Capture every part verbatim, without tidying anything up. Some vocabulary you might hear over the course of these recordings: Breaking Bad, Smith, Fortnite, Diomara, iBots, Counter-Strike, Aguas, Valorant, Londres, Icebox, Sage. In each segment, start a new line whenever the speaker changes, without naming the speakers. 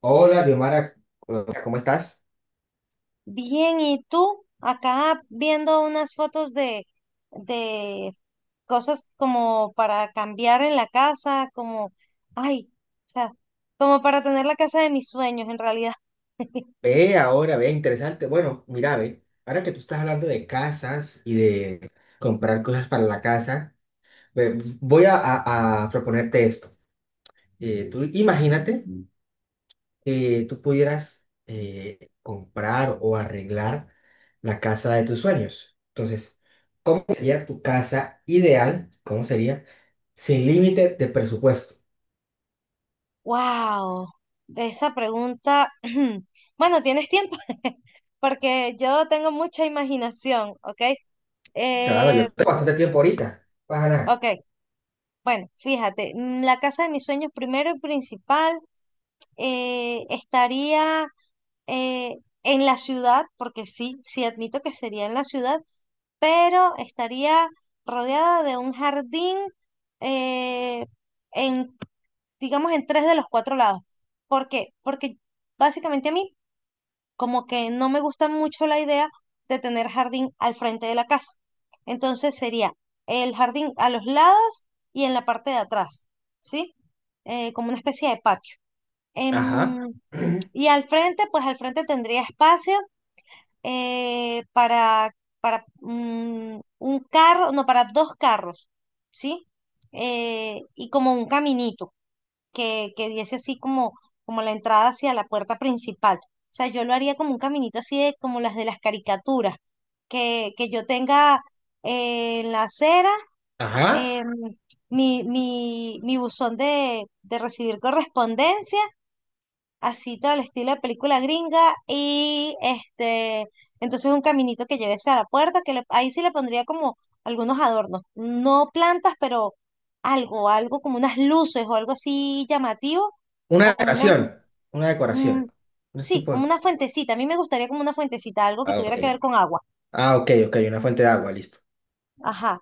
Hola, Diomara, hola, ¿cómo estás?
Bien, ¿y tú? Acá viendo unas fotos de, de cosas como para cambiar en la casa, como, ay, o sea, como para tener la casa de mis sueños en realidad.
Ve ahora, ve, interesante. Bueno, mira, ve, ahora que tú estás hablando de casas y de comprar cosas para la casa, ve, voy a, a- a proponerte esto. Eh, tú imagínate que tú pudieras eh, comprar o arreglar la casa de tus sueños. Entonces, ¿cómo sería tu casa ideal? ¿Cómo sería? Sin límite de presupuesto.
Wow, de esa pregunta. Bueno, tienes tiempo, porque yo tengo mucha imaginación, ¿ok?
Claro,
Eh,
yo tengo bastante tiempo ahorita. Para nada.
ok, bueno, fíjate, mm, la casa de mis sueños primero y principal eh, estaría eh, en la ciudad, porque sí, sí admito que sería en la ciudad, pero estaría rodeada de un jardín eh, en, digamos, en tres de los cuatro lados. ¿Por qué? Porque básicamente a mí como que no me gusta mucho la idea de tener jardín al frente de la casa. Entonces sería el jardín a los lados y en la parte de atrás, ¿sí? Eh, como una especie de patio. Em,
Ajá.
y al frente, pues al frente tendría espacio eh, para, para mm, un carro, no, para dos carros, ¿sí? Eh, y como un caminito que, que diese así como, como la entrada hacia la puerta principal. O sea, yo lo haría como un caminito así de, como las de las caricaturas, que, que yo tenga eh, en la acera
Ajá.
em, mi, mi, mi buzón de, de recibir correspondencia así todo el estilo de película gringa y este, entonces un caminito que llevese a la puerta, que le- ahí sí le pondría como algunos adornos, no plantas, pero algo, algo como unas luces o algo así llamativo,
Una
o como una,
decoración. Una
mm,
decoración. No es
sí, como
tipo.
una fuentecita, a mí me gustaría como una fuentecita, algo que
Ah,
tuviera que
ok.
ver con agua,
Ah, ok, ok. Una fuente de agua, listo.
ajá.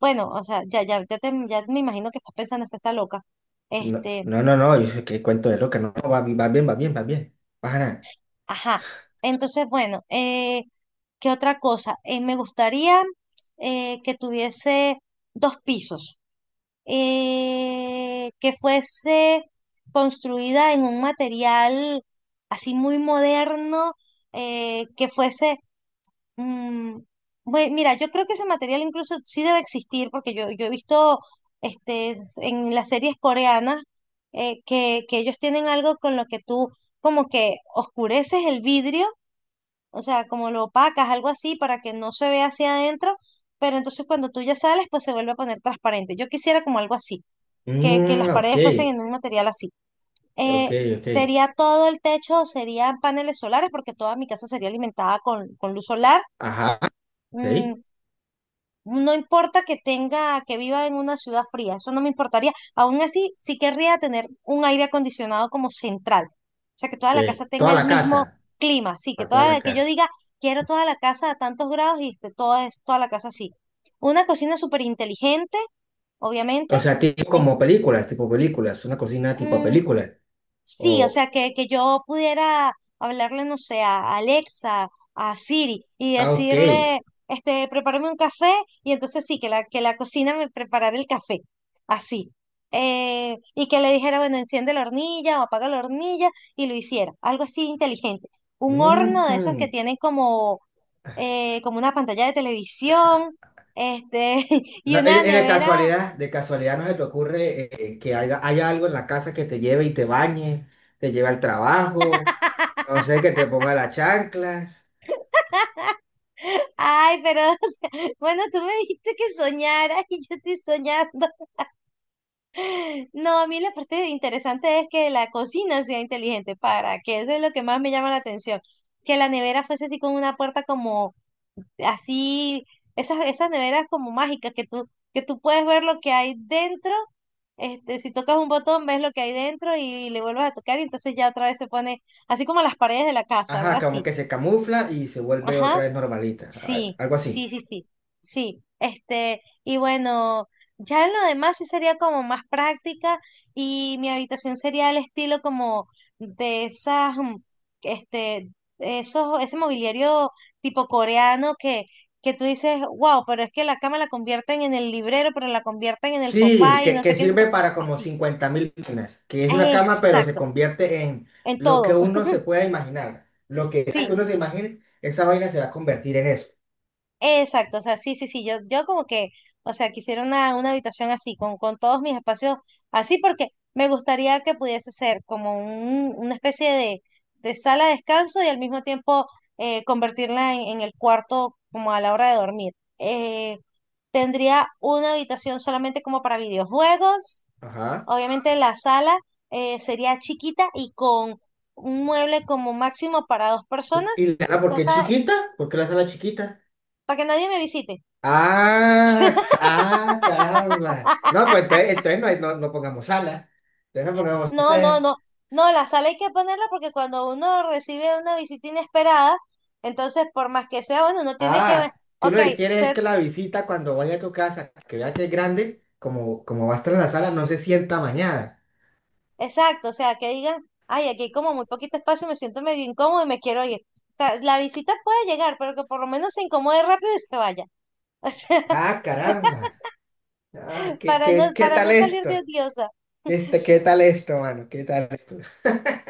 Bueno, o sea, ya, ya, ya, te- ya me imagino que estás pensando, esta está loca.
No,
Este,
no, no, no, yo sé que cuento de loca. No, no, va, bi- va bien, va bien, va bien. Baja nada.
ajá. Entonces, bueno, eh, ¿qué otra cosa? Eh, me gustaría eh, que tuviese dos pisos, eh, que fuese construida en un material así muy moderno. Eh, que fuese... mm, bue- Mira, yo creo que ese material incluso sí debe existir, porque yo, yo he visto este, s- en las series coreanas eh, que, que ellos tienen algo con lo que tú como que oscureces el vidrio, o sea, como lo opacas, algo así, para que no se vea hacia adentro, pero entonces cuando tú ya sales, pues se vuelve a poner transparente. Yo quisiera como algo así, que, que
Mm,
las
ok.
paredes fuesen en un material así.
Ok,
Eh,
ok.
¿sería todo el techo, o serían paneles solares? Porque toda mi casa sería alimentada con, con luz solar.
Ajá. Ok,
Mm, no importa que tenga, que viva en una ciudad fría, eso no me importaría. Aún así, sí querría tener un aire acondicionado como central. O sea, que toda
ok.
la casa
Toda
tenga el
la
mismo
casa.
clima. Sí, que
Para toda
toda
la
la- que yo
casa.
diga, quiero toda la casa a tantos grados y esté toda, es- toda la casa así. Una cocina súper inteligente, obviamente.
O sea, tipo como películas, tipo películas. Una cocina tipo película.
Sí, o
O.
sea, que, que yo pudiera hablarle, no sé, a Alexa, a Siri, y
Ah, ok.
decirle, este, prepárame un café, y entonces sí, que la, que la cocina me preparara el café, así. Eh, y que le dijera, bueno, enciende la hornilla o apaga la hornilla, y lo hiciera, algo así inteligente. Un horno de esos que
Ujú.
tienen como, eh, como una pantalla de televisión, este,
No,
y una
eh, eh, de
nevera.
casualidad, de casualidad no se te ocurre eh, que haya, haya algo en la casa que te lleve y te bañe, te lleve al trabajo, no sé, que te ponga las chanclas,
Ay, pero, o sea, bueno, tú me dijiste que soñara y yo estoy soñando. No, a mí la parte interesante es que la cocina sea inteligente, para que eso es lo que más me llama la atención. Que la nevera fuese así con una puerta como así, esas, esas neveras como mágicas que tú, que tú puedes ver lo que hay dentro. Este, si tocas un botón, ves lo que hay dentro y le vuelves a tocar y entonces ya otra vez se pone así como las paredes de la casa, algo
ajá, como
así.
que se camufla y se vuelve
Ajá.
otra vez normalita,
Sí,
a- algo así.
sí, sí, sí, sí. Este, y bueno, ya en lo demás sí sería como más práctica y mi habitación sería el estilo como de esas, mm, este, esos, ese mobiliario tipo coreano que, que tú dices, wow, pero es que la cama la convierten en el librero, pero la convierten en el
Sí,
sofá y
que,
no
que
sé qué, no sé qué".
sirve para como
Así,
cincuenta mil vainas, que es una cama pero se
exacto,
convierte en
en
lo que
todo,
uno se pueda imaginar, lo que sea que
sí.
uno se imagine, esa vaina se va a convertir en eso,
Exacto, o sea, sí, sí, sí, yo, yo como que, o sea, quisiera una, una habitación así, con, con todos mis espacios así, porque me gustaría que pudiese ser como un, una especie de, de sala de descanso y al mismo tiempo eh, convertirla en, en el cuarto como a la hora de dormir. Eh, tendría una habitación solamente como para videojuegos,
ajá.
obviamente la sala eh, sería chiquita y con un mueble como máximo para dos personas,
Y la sala porque
cosa
es chiquita, porque la sala es chiquita.
para que nadie me visite.
Ah, ah, caramba. No, pues entonces, entonces no, hay- no, no pongamos sala. Entonces no pongamos
No, no,
sala.
no. No, la sal hay que ponerla porque cuando uno recibe una visita inesperada, entonces por más que sea, bueno, uno tiene que ver,
Ah, tú lo
ok,
que quieres es que
ser
la visita cuando vaya a tu casa, que vea que es grande, como, como va a estar en la sala, no se sienta mañana.
exacto, o sea, que digan, ay, aquí hay como muy poquito espacio, me siento medio incómodo y me quiero ir. O sea, la visita puede llegar, pero que por lo menos se incomode rápido y se vaya.
Ah, caramba.
O sea,
Ah, ¿qué,
para no,
qué, qué
para
tal
no salir de
esto?
odiosa.
Este, ¿qué tal esto, mano? ¿Qué tal esto?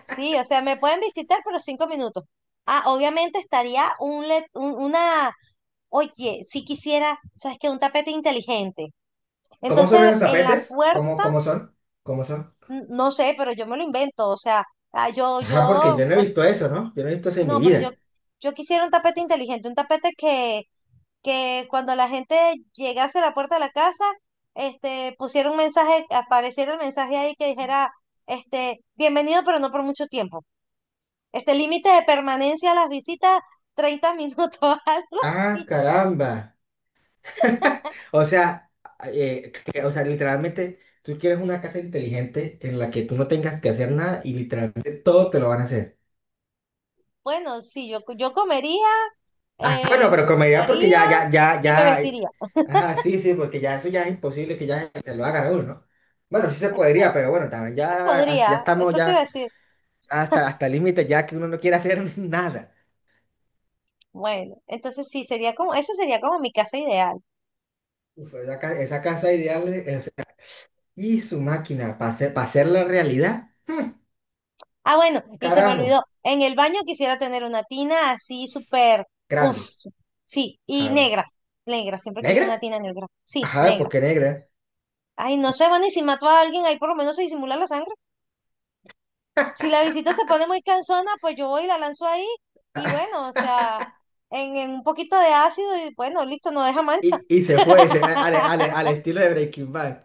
Sí, o sea, me pueden visitar, pero cinco minutos. Ah, obviamente estaría un, let- un- una, oye, si quisiera, ¿sabes qué? Un tapete inteligente.
¿Cómo son
Entonces,
esos
en la
tapetes? ¿Cómo,
puerta,
cómo son? ¿Cómo son?
n- no sé, pero yo me lo invento, o sea, ah, yo,
Ajá, porque
yo,
yo no he visto
pues,
eso, ¿no? Yo no he visto eso en mi
no, pero yo,
vida.
yo quisiera un tapete inteligente, un tapete que, que cuando la gente llegase a la puerta de la casa, este, pusiera un mensaje, apareciera el mensaje ahí que dijera, este, bienvenido, pero no por mucho tiempo. Este límite de permanencia a las visitas, treinta minutos, algo
Ah,
así.
caramba. O sea, eh, que- o sea, literalmente, tú quieres una casa inteligente en la que tú no tengas que hacer nada y literalmente todo te lo van a hacer.
Bueno, sí, yo, yo comería,
Ah, bueno,
eh, me
pero con medida porque
bañaría
ya, ya, ya,
y me
ya. eh,
vestiría.
Ajá, sí, sí, porque ya eso ya es imposible que ya te lo hagan a uno, ¿no? Bueno, sí se podría, pero bueno, también
Sí se
ya, hasta- ya
podría,
estamos
eso te iba a
ya
decir.
hasta, hasta el límite, ya que uno no quiere hacer nada.
Bueno, entonces sí, sería como, eso sería como mi casa ideal.
Uf, esa, ca- esa casa ideal es- y su máquina para hacer, para hacer la realidad,
Ah, bueno, y se me
carajo,
olvidó, en el baño quisiera tener una tina así súper, uff,
grande.
sí, y
Ajá,
negra, negra, siempre he querido
¿negra?
una tina negra, sí,
Ajá, ¿por
negra.
qué negra?
Ay, no sé, bueno, y si mato a alguien, ahí por lo menos se disimula la sangre. Si la visita se pone muy cansona, pues yo voy y la lanzo ahí, y bueno, o sea, en, en un poquito de ácido, y bueno, listo, no deja mancha.
Y, y se fue se- al, al- al estilo de Breaking Bad.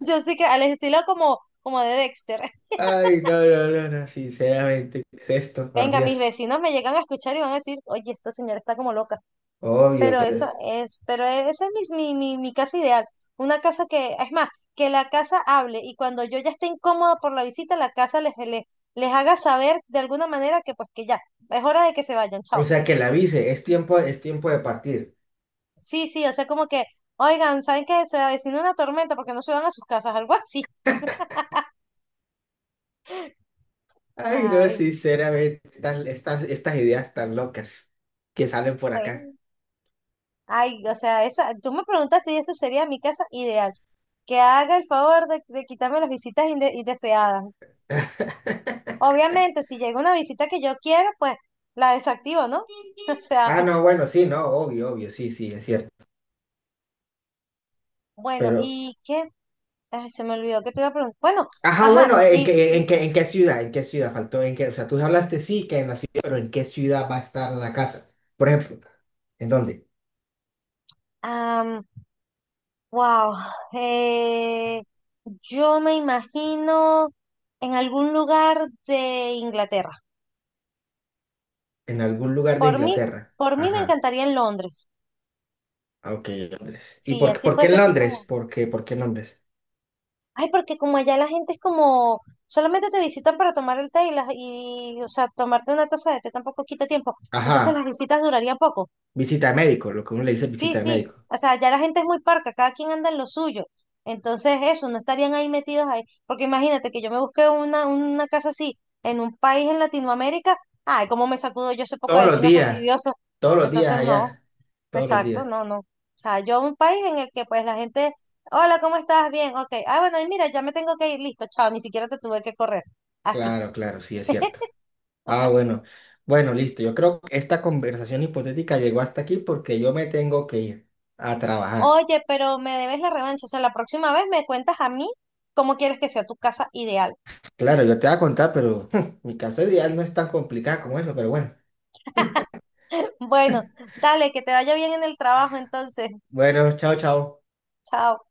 Yo sí que al estilo como, como de Dexter.
Ay, no, no, no, no, sinceramente, ¿qué es esto, por
Venga, mis
Dios?
vecinos me llegan a escuchar y van a decir, oye, esta señora está como loca. Pero eso
Obvio.
es, pero esa es mi, mi, mi, mi casa ideal. Una casa que, es más, que la casa hable y cuando yo ya esté incómoda por la visita, la casa les, les, les haga saber de alguna manera que pues que ya, es hora de que se vayan,
O
chao.
sea, que la avise, es tiempo, es tiempo de partir.
Sí, sí, o sea, como que, oigan, ¿saben que se avecina una tormenta porque no se van a sus casas? Algo así.
Ay, no,
Ay,
sinceramente, estas, estas, estas ideas tan locas que salen por acá.
bueno. Ay, o sea, esa, tú me preguntaste y esa sería mi casa ideal. Que haga el favor de, de quitarme las visitas inde- indeseadas. Obviamente, si llega una visita que yo quiero, pues la desactivo, ¿no? O sea,
Ah, no, bueno, sí, no, obvio, obvio, sí, sí, es cierto.
bueno,
Pero,
¿y qué? Ay, se me olvidó que te iba a preguntar. Bueno,
ajá,
ajá,
bueno, ¿en
y,
qué, en
y
qué, en qué ciudad? ¿En qué ciudad faltó? ¿En qué? O sea, tú hablaste sí que en la ciudad, pero ¿en qué ciudad va a estar la casa? Por ejemplo, ¿en dónde?
am, wow, eh, yo me imagino en algún lugar de Inglaterra.
En algún lugar de
Por mí,
Inglaterra.
por mí me
Ajá.
encantaría en Londres.
Ah, ok, Londres. ¿Y
Si
por,
así
por qué en
fuese así
Londres?
como.
¿Por qué, por qué en Londres?
Ay, porque como allá la gente es como, solamente te visitan para tomar el té y, las, y o sea, tomarte una taza de té tampoco quita tiempo. Entonces las
Ajá.
visitas durarían poco.
Visita de médico, lo que uno le dice
Sí,
visita de
sí.
médico.
O sea, allá la gente es muy parca, cada quien anda en lo suyo. Entonces eso, no estarían ahí metidos ahí. Porque imagínate que yo me busqué una, una casa así en un país en Latinoamérica. Ay, cómo me sacudo yo ese poco de
Todos los
vecinos
días.
fastidiosos.
Todos los días
Entonces no.
allá. Todos los días.
Exacto, no, no. O sea, yo a un país en el que pues la gente, hola, ¿cómo estás? Bien, ok. Ah, bueno, y mira, ya me tengo que ir, listo, chao, ni siquiera te tuve que correr. Así.
Claro, claro, sí, es cierto. Ah, bueno. Bueno, listo. Yo creo que esta conversación hipotética llegó hasta aquí porque yo me tengo que ir a trabajar.
Oye, pero me debes la revancha, o sea, la próxima vez me cuentas a mí cómo quieres que sea tu casa ideal.
Claro, yo te voy a contar, pero mi casa de día no es tan complicada como eso, pero bueno.
Bueno, dale, que te vaya bien en el trabajo entonces,
Bueno, chao, chao.
chao.